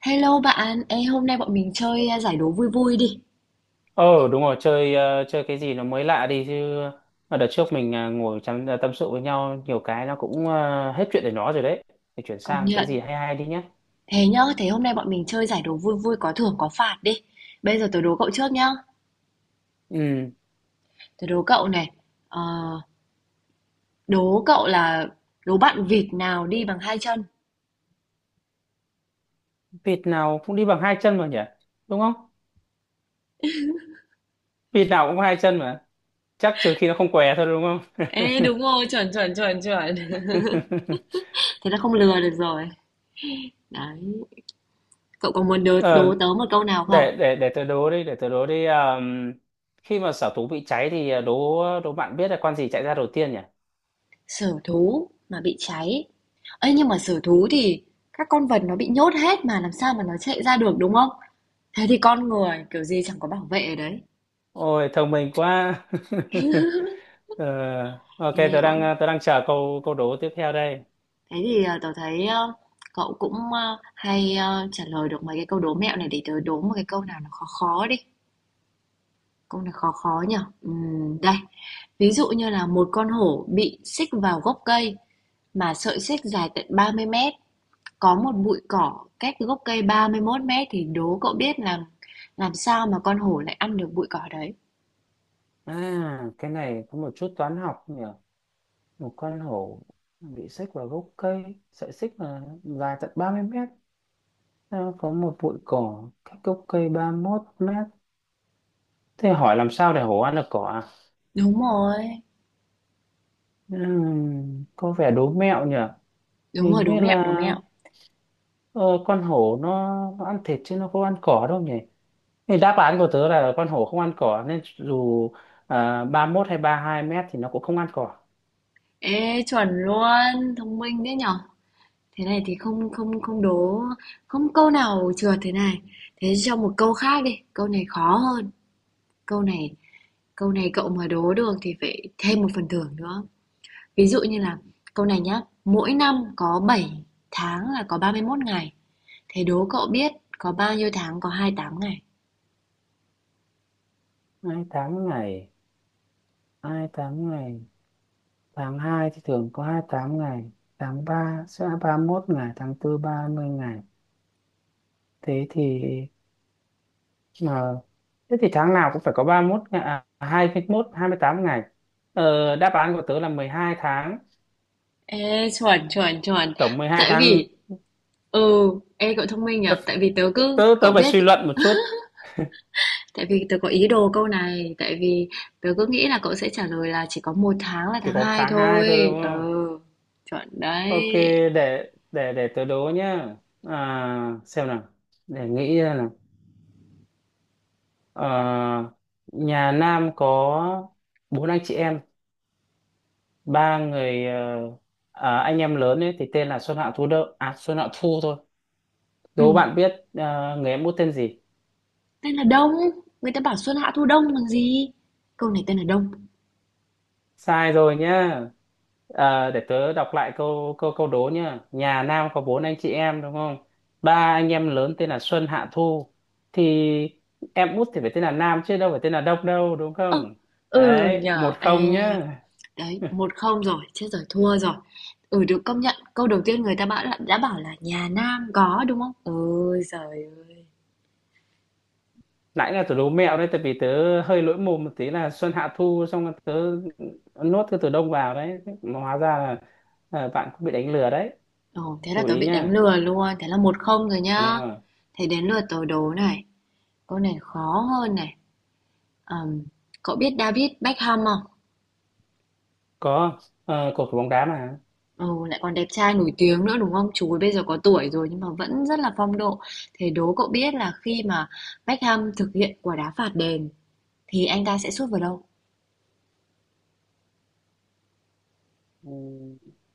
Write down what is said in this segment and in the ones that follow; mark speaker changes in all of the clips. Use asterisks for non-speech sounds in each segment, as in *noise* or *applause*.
Speaker 1: Hello bạn. Hôm nay bọn mình chơi giải đố vui vui đi.
Speaker 2: Ờ đúng rồi, chơi chơi cái gì nó mới lạ đi chứ. Mà đợt trước mình ngồi chăm tâm sự với nhau nhiều cái nó cũng hết chuyện để nó rồi đấy, thì chuyển
Speaker 1: Công
Speaker 2: sang cái
Speaker 1: nhận.
Speaker 2: gì hay hay đi nhé.
Speaker 1: Thế nhá, thế hôm nay bọn mình chơi giải đố vui vui có thưởng có phạt đi. Bây giờ tớ đố cậu trước nhá.
Speaker 2: Ừ,
Speaker 1: Tớ đố cậu này. Ờ, đố cậu là đố bạn vịt nào đi bằng hai chân.
Speaker 2: vịt nào cũng đi bằng hai chân mà nhỉ? Đúng không? Vịt nào cũng có hai chân mà, chắc trừ khi nó không què thôi, đúng không?
Speaker 1: Ê đúng rồi, chuẩn chuẩn chuẩn chuẩn. *laughs*
Speaker 2: *laughs*
Speaker 1: Thế là không lừa được rồi. Đấy. Cậu có muốn đố
Speaker 2: Ờ,
Speaker 1: tớ một câu nào không?
Speaker 2: để tớ đố đi, để tớ đố đi. Khi mà sở thú bị cháy thì đố đố bạn biết là con gì chạy ra đầu tiên nhỉ?
Speaker 1: Sở thú mà bị cháy. Ê, nhưng mà sở thú thì các con vật nó bị nhốt hết mà làm sao mà nó chạy ra được đúng không? Thế thì con người kiểu gì chẳng có bảo vệ ở đấy.
Speaker 2: Ôi thông minh quá. *laughs* Ờ, ok,
Speaker 1: Ê,
Speaker 2: tôi
Speaker 1: cũng
Speaker 2: đang tôi đang chờ câu câu đố tiếp theo đây.
Speaker 1: thế thì tớ thấy cậu cũng hay trả lời được mấy cái câu đố mẹo này để tớ đố một cái câu nào nó khó khó đi. Câu này khó khó nhở? Đây, ví dụ như là một con hổ bị xích vào gốc cây mà sợi xích dài tận 30 mét, có một bụi cỏ cách gốc cây 31 mét thì đố cậu biết là làm sao mà con hổ lại ăn được bụi cỏ đấy.
Speaker 2: À, cái này có một chút toán học nhỉ. Một con hổ bị xích vào gốc cây, sợi xích là dài tận 30 mét, nó có một bụi cỏ cách gốc cây ba mốt mét. Thế hỏi làm sao để hổ ăn được cỏ à?
Speaker 1: Đúng rồi,
Speaker 2: Có vẻ đố mẹo nhỉ.
Speaker 1: đúng
Speaker 2: Hình
Speaker 1: rồi, đố
Speaker 2: như
Speaker 1: mẹo, đố
Speaker 2: là
Speaker 1: mẹo.
Speaker 2: ờ, con hổ nó ăn thịt chứ nó không ăn cỏ đâu nhỉ? Thì đáp án của tớ là con hổ không ăn cỏ, nên dù 31 hay 32 mét thì nó cũng không ăn cỏ.
Speaker 1: Ê chuẩn luôn, thông minh đấy nhở. Thế này thì không không không đố không câu nào trượt thế này. Thế cho một câu khác đi, câu này khó hơn. Câu này câu này cậu mà đố được thì phải thêm một phần thưởng nữa. Ví dụ như là câu này nhá, mỗi năm có 7 tháng là có 31 ngày. Thế đố cậu biết có bao nhiêu tháng có 28 ngày.
Speaker 2: Hai tháng ngày, hai tháng ngày, tháng 2 thì thường có 28 ngày, tháng 3 sẽ 31 ngày, tháng 4 30 ngày. Thế thì mà thế thì tháng nào cũng phải có 31 ngày, à, 21, 28 ngày. Ờ, đáp án của tớ là 12 tháng,
Speaker 1: Ê chuẩn chuẩn chuẩn.
Speaker 2: tổng 12
Speaker 1: Tại
Speaker 2: tháng.
Speaker 1: vì ừ, ê cậu thông minh
Speaker 2: tớ
Speaker 1: nhở, tại vì tớ cứ
Speaker 2: tớ, tớ
Speaker 1: cậu
Speaker 2: phải
Speaker 1: biết
Speaker 2: suy luận một chút,
Speaker 1: tại vì tớ có ý đồ câu này, tại vì tớ cứ nghĩ là cậu sẽ trả lời là chỉ có một tháng là
Speaker 2: chỉ
Speaker 1: tháng
Speaker 2: có
Speaker 1: 2
Speaker 2: tháng 2 thôi đúng
Speaker 1: thôi. Ờ,
Speaker 2: không?
Speaker 1: chuẩn
Speaker 2: Ok,
Speaker 1: đấy.
Speaker 2: để tớ đố nhá. À, xem nào. Để nghĩ ra nào. Ờ, nhà Nam có bốn anh chị em, ba người anh em lớn ấy thì tên là Xuân Hạ Thu Đậu. À, Xuân Hạ Thu thôi.
Speaker 1: Ừ,
Speaker 2: Đố bạn biết người em út tên gì?
Speaker 1: tên là Đông. Người ta bảo xuân hạ thu đông bằng gì? Câu này tên là Đông.
Speaker 2: Sai rồi nhá. Ờ, để tớ đọc lại câu câu câu đố nhá. Nhà Nam có bốn anh chị em đúng không, ba anh em lớn tên là Xuân Hạ Thu, thì em út thì phải tên là Nam chứ đâu phải tên là Đông, đâu đúng
Speaker 1: Ơ,
Speaker 2: không?
Speaker 1: ừ
Speaker 2: Đấy, một
Speaker 1: nhở, ê.
Speaker 2: không nhá.
Speaker 1: Đấy,
Speaker 2: *laughs*
Speaker 1: một không rồi, chết rồi, thua rồi. Ừ, được công nhận. Câu đầu tiên người ta bảo là, đã bảo là nhà Nam có đúng không? Ôi giời ơi.
Speaker 2: Nãy là tớ đố mẹo đấy, tại vì tớ hơi lỗi mồm một tí là Xuân Hạ Thu xong rồi tớ nốt cái từ Đông vào đấy. Mà hóa ra là bạn cũng bị đánh lừa đấy.
Speaker 1: Ồ, thế là
Speaker 2: Chú
Speaker 1: tớ
Speaker 2: ý
Speaker 1: bị đánh
Speaker 2: nhá.
Speaker 1: lừa luôn. Thế là một không rồi
Speaker 2: Đúng
Speaker 1: nhá.
Speaker 2: rồi.
Speaker 1: Thế đến lượt tớ đố này. Câu này khó hơn này. Ờm, cậu biết David Beckham không?
Speaker 2: Có, cầu thủ bóng đá mà.
Speaker 1: Ừ, lại còn đẹp trai nổi tiếng nữa đúng không? Chú ấy bây giờ có tuổi rồi nhưng mà vẫn rất là phong độ. Thế đố cậu biết là khi mà Beckham thực hiện quả đá phạt đền thì anh ta sẽ sút vào đâu?
Speaker 2: Ừ,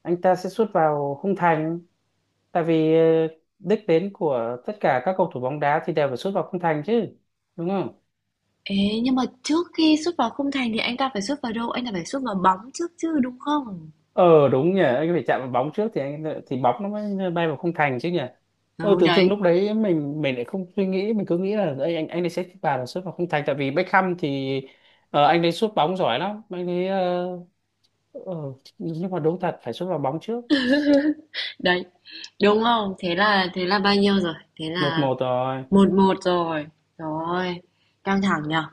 Speaker 2: anh ta sẽ sút vào khung thành, tại vì đích đến của tất cả các cầu thủ bóng đá thì đều phải sút vào khung thành chứ, đúng không?
Speaker 1: Ê, nhưng mà trước khi sút vào khung thành thì anh ta phải sút vào đâu? Anh ta phải sút vào bóng trước chứ đúng không?
Speaker 2: Ờ đúng nhỉ, anh phải chạm vào bóng trước thì anh thì bóng nó mới bay vào khung thành chứ nhỉ. Ờ,
Speaker 1: Ừ,
Speaker 2: tự dưng
Speaker 1: đấy,
Speaker 2: lúc đấy mình lại không suy nghĩ, mình cứ nghĩ là anh ấy sẽ vào là sút vào khung thành, tại vì Beckham thì anh ấy sút bóng giỏi lắm, anh ấy ờ, nhưng mà đúng thật phải sút vào bóng trước.
Speaker 1: đấy. Đúng không? Thế là bao nhiêu rồi? Thế
Speaker 2: Một
Speaker 1: là
Speaker 2: một rồi.
Speaker 1: một một rồi. Rồi, căng thẳng nhở?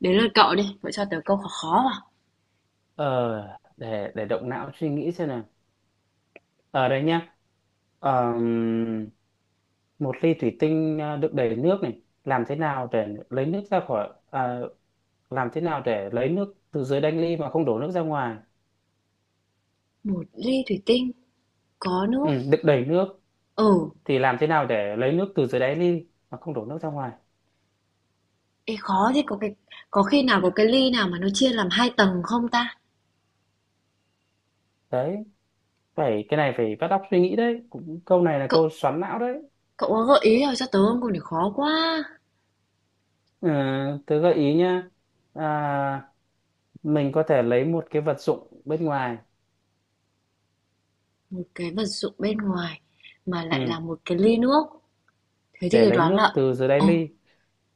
Speaker 1: Đến lượt cậu đi, cậu cho tớ câu khó khó vào.
Speaker 2: Ờ, để động não suy nghĩ xem, ở đây nhá. Ờm, Một ly thủy tinh đựng đầy nước này, làm thế nào để lấy nước ra khỏi, làm thế nào để lấy nước từ dưới đáy ly mà không đổ nước ra ngoài?
Speaker 1: Một ly thủy tinh có nước.
Speaker 2: Ừ, đựng đầy nước,
Speaker 1: Ừ,
Speaker 2: thì làm thế nào để lấy nước từ dưới đáy ly mà không đổ nước ra ngoài?
Speaker 1: ê khó thế có cái có khi nào có cái ly nào mà nó chia làm hai tầng không ta?
Speaker 2: Đấy, phải, cái này phải bắt óc suy nghĩ đấy, cũng câu này là
Speaker 1: Cậu
Speaker 2: câu xoắn não đấy.
Speaker 1: cậu có gợi ý nào cho tớ không? Còn để khó quá.
Speaker 2: Ừ, tớ gợi ý nhá. À, mình có thể lấy một cái vật dụng bên ngoài.
Speaker 1: Một cái vật dụng bên ngoài mà lại là
Speaker 2: Ừ,
Speaker 1: một cái ly nước. Thế thì
Speaker 2: để
Speaker 1: tôi
Speaker 2: lấy
Speaker 1: đoán
Speaker 2: nước
Speaker 1: là
Speaker 2: từ dưới đáy
Speaker 1: Ồ,
Speaker 2: ly.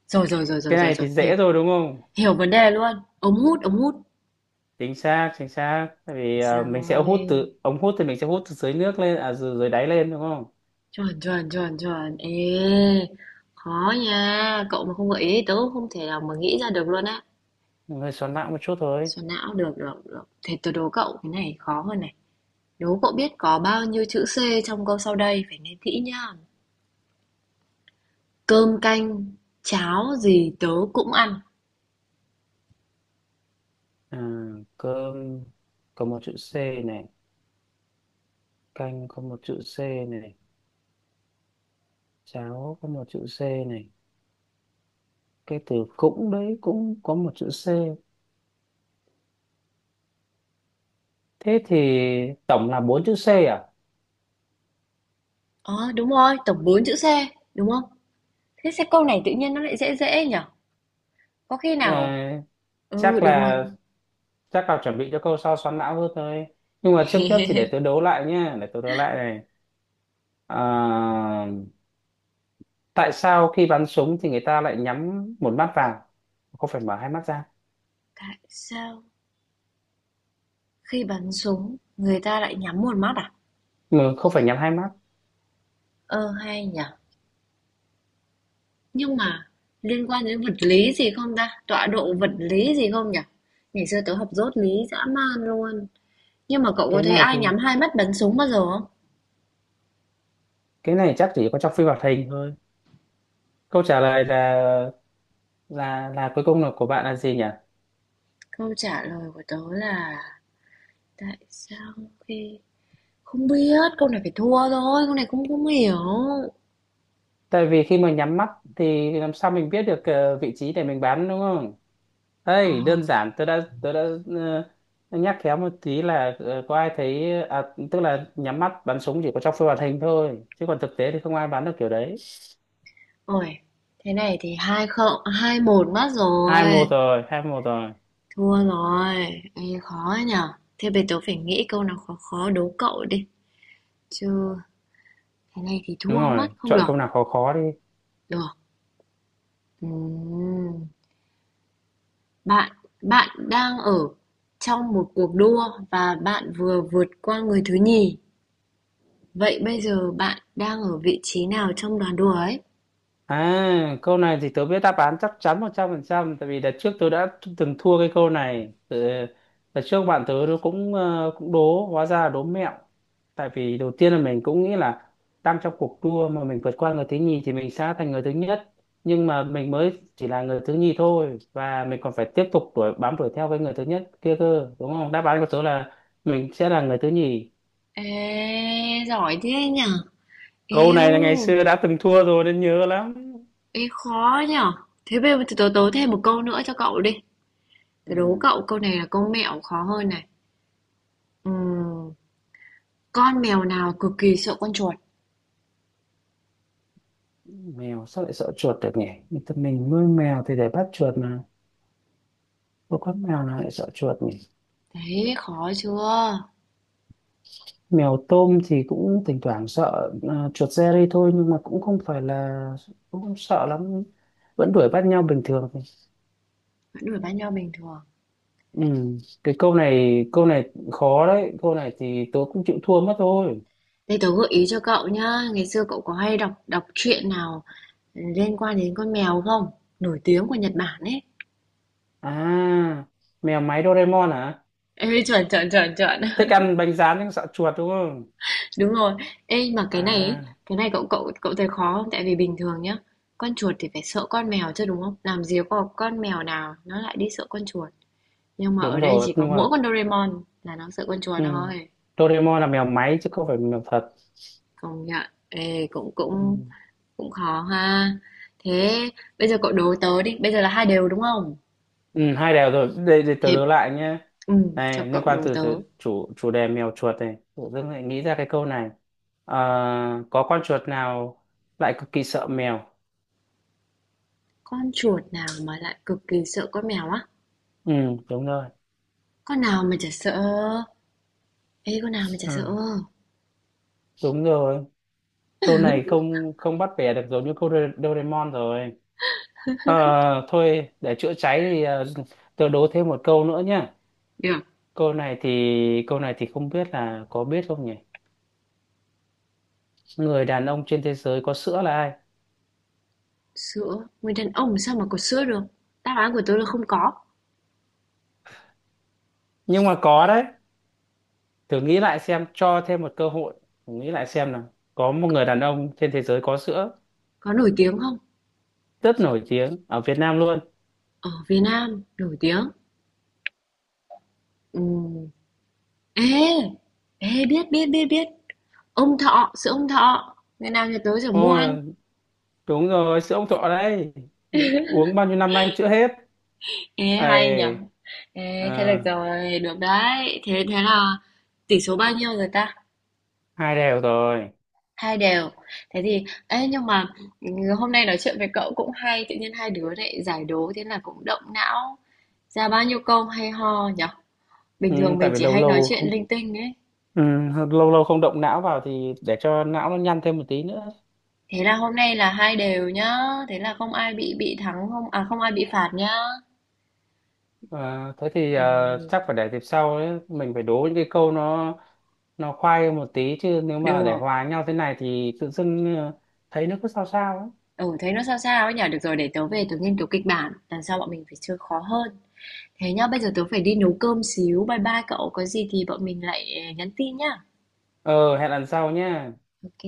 Speaker 1: rồi rồi rồi rồi
Speaker 2: Cái
Speaker 1: rồi
Speaker 2: này
Speaker 1: rồi,
Speaker 2: thì
Speaker 1: hiểu.
Speaker 2: dễ rồi đúng không?
Speaker 1: Hiểu vấn đề luôn. Ống hút, ống hút.
Speaker 2: Chính xác, chính xác. Tại vì mình sẽ hút
Speaker 1: Rồi.
Speaker 2: từ ống hút thì mình sẽ hút từ dưới nước lên, dưới đáy lên đúng không?
Speaker 1: Chuẩn chuẩn chuẩn chuẩn. Ê, khó nha. Cậu mà không gợi ý thì tớ cũng không thể nào mà nghĩ ra được luôn á.
Speaker 2: Mình hơi xoắn não một chút thôi.
Speaker 1: Xoắn não, được, được, được. Thế tôi đố cậu cái này khó hơn này. Đố cậu biết có bao nhiêu chữ C trong câu sau đây, phải nghe kỹ nhá. Cơm canh, cháo gì tớ cũng ăn.
Speaker 2: À, cơm có một chữ C này, canh có một chữ C này, cháo có một chữ C này, cái từ cũng đấy cũng có một chữ C, thế thì tổng là bốn chữ C à?
Speaker 1: Đúng rồi, tổng 4 chữ C, đúng không? Thế sẽ câu này tự nhiên nó lại dễ dễ nhở? Có khi nào...
Speaker 2: À,
Speaker 1: Ừ,
Speaker 2: chắc
Speaker 1: đúng rồi.
Speaker 2: là, chắc là chuẩn bị cho câu sau xoắn não hơn thôi. Nhưng mà trước nhất thì để
Speaker 1: *laughs*
Speaker 2: tôi đố lại nhé, để tôi đố lại này. À, tại sao khi bắn súng thì người ta lại nhắm một mắt vào, không phải mở hai mắt ra,
Speaker 1: Tại sao khi bắn súng người ta lại nhắm một mắt à?
Speaker 2: mà không phải nhắm hai mắt?
Speaker 1: Ờ, hay nhở. Nhưng mà liên quan đến vật lý gì không ta? Tọa độ vật lý gì không nhở? Ngày xưa tớ học dốt lý dã man luôn. Nhưng mà cậu có
Speaker 2: cái
Speaker 1: thấy
Speaker 2: này
Speaker 1: ai
Speaker 2: thì
Speaker 1: nhắm hai mắt bắn súng bao giờ không?
Speaker 2: cái này chắc chỉ có trong phim hoạt hình thôi. Câu trả lời là, cuối cùng là của bạn là gì nhỉ?
Speaker 1: Câu trả lời của tớ là tại sao khi không biết, câu này phải thua thôi, câu này cũng không hiểu.
Speaker 2: Tại vì khi mà nhắm mắt thì làm sao mình biết được vị trí để mình bắn đúng không?
Speaker 1: Ờ,
Speaker 2: Đây đơn giản, tôi đã ờ, nhắc khéo một tí là có ai thấy tức là nhắm mắt bắn súng chỉ có trong phim hoạt hình thôi, chứ còn thực tế thì không ai bắn được kiểu đấy.
Speaker 1: ôi, thế này thì hai không, hai một mất
Speaker 2: hai một
Speaker 1: rồi,
Speaker 2: rồi hai một rồi
Speaker 1: thua rồi. Ê, khó nhở. Thế bây tớ phải nghĩ câu nào khó khó đố cậu đi, chứ thế này thì
Speaker 2: Đúng
Speaker 1: thua mất
Speaker 2: rồi,
Speaker 1: không
Speaker 2: chọn câu
Speaker 1: được.
Speaker 2: nào khó khó đi.
Speaker 1: Được. Ừm, Bạn, bạn đang ở trong một cuộc đua và bạn vừa vượt qua người thứ nhì. Vậy bây giờ bạn đang ở vị trí nào trong đoàn đua ấy?
Speaker 2: À, câu này thì tớ biết đáp án chắc chắn một trăm phần trăm, tại vì đợt trước tớ đã từng thua cái câu này. Đợt trước bạn tớ nó cũng cũng đố, hóa ra là đố mẹo. Tại vì đầu tiên là mình cũng nghĩ là đang trong cuộc đua mà mình vượt qua người thứ nhì thì mình sẽ thành người thứ nhất. Nhưng mà mình mới chỉ là người thứ nhì thôi, và mình còn phải tiếp tục đuổi theo với người thứ nhất kia cơ, đúng không? Đáp án của tớ là mình sẽ là người thứ nhì.
Speaker 1: Ê, giỏi thế nhở?
Speaker 2: Câu
Speaker 1: Eo,
Speaker 2: này là ngày xưa đã từng thua rồi nên nhớ lắm.
Speaker 1: ê khó nhở? Thế bây giờ tớ, tớ tớ thêm một câu nữa cho cậu đi. Tớ đố
Speaker 2: Ừ.
Speaker 1: cậu câu này là câu mẹo khó hơn này. Ừm, con mèo nào cực kỳ sợ con chuột?
Speaker 2: Mèo sao lại sợ chuột được nhỉ, người ta mình nuôi mèo thì để bắt chuột mà, có con mèo nào lại sợ chuột nhỉ?
Speaker 1: Đấy, khó chưa?
Speaker 2: Mèo tôm thì cũng thỉnh thoảng sợ chuột Jerry thôi, nhưng mà cũng không phải là, cũng không sợ lắm, vẫn đuổi bắt nhau bình thường.
Speaker 1: Vẫn đuổi bắt nhau bình thường.
Speaker 2: Ừ. cái câu này khó đấy, câu này thì tớ cũng chịu thua mất thôi.
Speaker 1: Đây tớ gợi ý cho cậu nhá. Ngày xưa cậu có hay đọc đọc truyện nào liên quan đến con mèo không? Nổi tiếng của Nhật Bản ấy.
Speaker 2: À, mèo máy Doraemon hả?
Speaker 1: Ê, chuẩn chuẩn chuẩn chuẩn.
Speaker 2: Thích ăn bánh rán nhưng sợ chuột đúng không?
Speaker 1: Đúng rồi. Ê, mà cái này ấy,
Speaker 2: À
Speaker 1: cái này cậu cậu cậu thấy khó không? Tại vì bình thường nhá, con chuột thì phải sợ con mèo chứ đúng không? Làm gì có con mèo nào nó lại đi sợ con chuột. Nhưng mà
Speaker 2: đúng
Speaker 1: ở đây chỉ
Speaker 2: rồi,
Speaker 1: có
Speaker 2: nhưng mà,
Speaker 1: mỗi con Doraemon là nó sợ con
Speaker 2: ừ,
Speaker 1: chuột thôi.
Speaker 2: Doraemon là mèo máy chứ không phải mèo thật.
Speaker 1: Công nhận. Ê, cũng
Speaker 2: Ừ.
Speaker 1: cũng cũng khó ha. Thế bây giờ cậu đố tớ đi, bây giờ là hai đều đúng không?
Speaker 2: Ừ, hai đều rồi, đây để tớ
Speaker 1: Thế
Speaker 2: đố lại nhé.
Speaker 1: ừ, cho
Speaker 2: Này liên
Speaker 1: cậu
Speaker 2: quan
Speaker 1: đố
Speaker 2: từ,
Speaker 1: tớ.
Speaker 2: từ chủ chủ đề mèo chuột này, tự dưng lại nghĩ ra cái câu này. Ờ, có con chuột nào lại cực kỳ sợ mèo?
Speaker 1: Con chuột nào mà lại cực kỳ sợ con mèo á?
Speaker 2: Ừ đúng rồi.
Speaker 1: Con nào mà chả sợ? Ê, con nào mà chả sợ?
Speaker 2: Ừ, đúng rồi, câu này không, không bắt bẻ được, giống như câu Doraemon rồi. Ờ, thôi để chữa cháy thì tớ đố thêm một câu nữa nhé.
Speaker 1: Được.
Speaker 2: Câu này thì câu này thì không biết là có biết không nhỉ, người đàn ông trên thế giới có sữa là ai?
Speaker 1: Sữa, người đàn ông sao mà có sữa được? Đáp án của tôi là không có.
Speaker 2: Nhưng mà có đấy, thử nghĩ lại xem, cho thêm một cơ hội. Thử nghĩ lại xem nào, có một người đàn ông trên thế giới có sữa,
Speaker 1: Có nổi tiếng không?
Speaker 2: rất nổi tiếng ở Việt Nam luôn.
Speaker 1: Ở Việt Nam, nổi tiếng. Ừm. Ê, ê, biết. Ông Thọ, sữa ông Thọ. Ngày nào nhà tớ sẽ mua ăn.
Speaker 2: Ôi đúng rồi, sữa ông Thọ đấy, mình uống bao nhiêu năm nay chưa hết
Speaker 1: Ê, hay nhở?
Speaker 2: ấy. Ờ,
Speaker 1: Ê, thế được rồi, được đấy. Thế thế là tỷ số bao nhiêu rồi ta?
Speaker 2: hai đều rồi.
Speaker 1: Hai đều. Thế thì, ê, nhưng mà ừ, hôm nay nói chuyện với cậu cũng hay. Tự nhiên hai đứa lại giải đố, thế là cũng động não. Ra bao nhiêu câu hay ho nhở? Bình
Speaker 2: Ừ,
Speaker 1: thường
Speaker 2: tại
Speaker 1: mình
Speaker 2: vì
Speaker 1: chỉ
Speaker 2: lâu
Speaker 1: hay nói
Speaker 2: lâu
Speaker 1: chuyện
Speaker 2: không,
Speaker 1: linh tinh ấy.
Speaker 2: ừ, lâu lâu không động não vào thì để cho não nó nhăn thêm một tí nữa.
Speaker 1: Thế là hôm nay là hai đều nhá. Thế là không ai bị thắng không à không ai bị phạt nhá.
Speaker 2: À, thế thì chắc
Speaker 1: Ừm,
Speaker 2: phải để dịp sau ấy. Mình phải đố những cái câu nó khoai hơn một tí chứ, nếu mà để
Speaker 1: được.
Speaker 2: hòa nhau thế này thì tự dưng thấy nó cứ sao sao ấy.
Speaker 1: Ừ thấy nó sao sao ấy nhở. Được rồi để tớ về tớ nghiên cứu kịch bản. Lần sau bọn mình phải chơi khó hơn. Thế nhá, bây giờ tớ phải đi nấu cơm xíu. Bye bye cậu. Có gì thì bọn mình lại nhắn tin nhá.
Speaker 2: Ờ, hẹn lần sau nhé.
Speaker 1: Ok.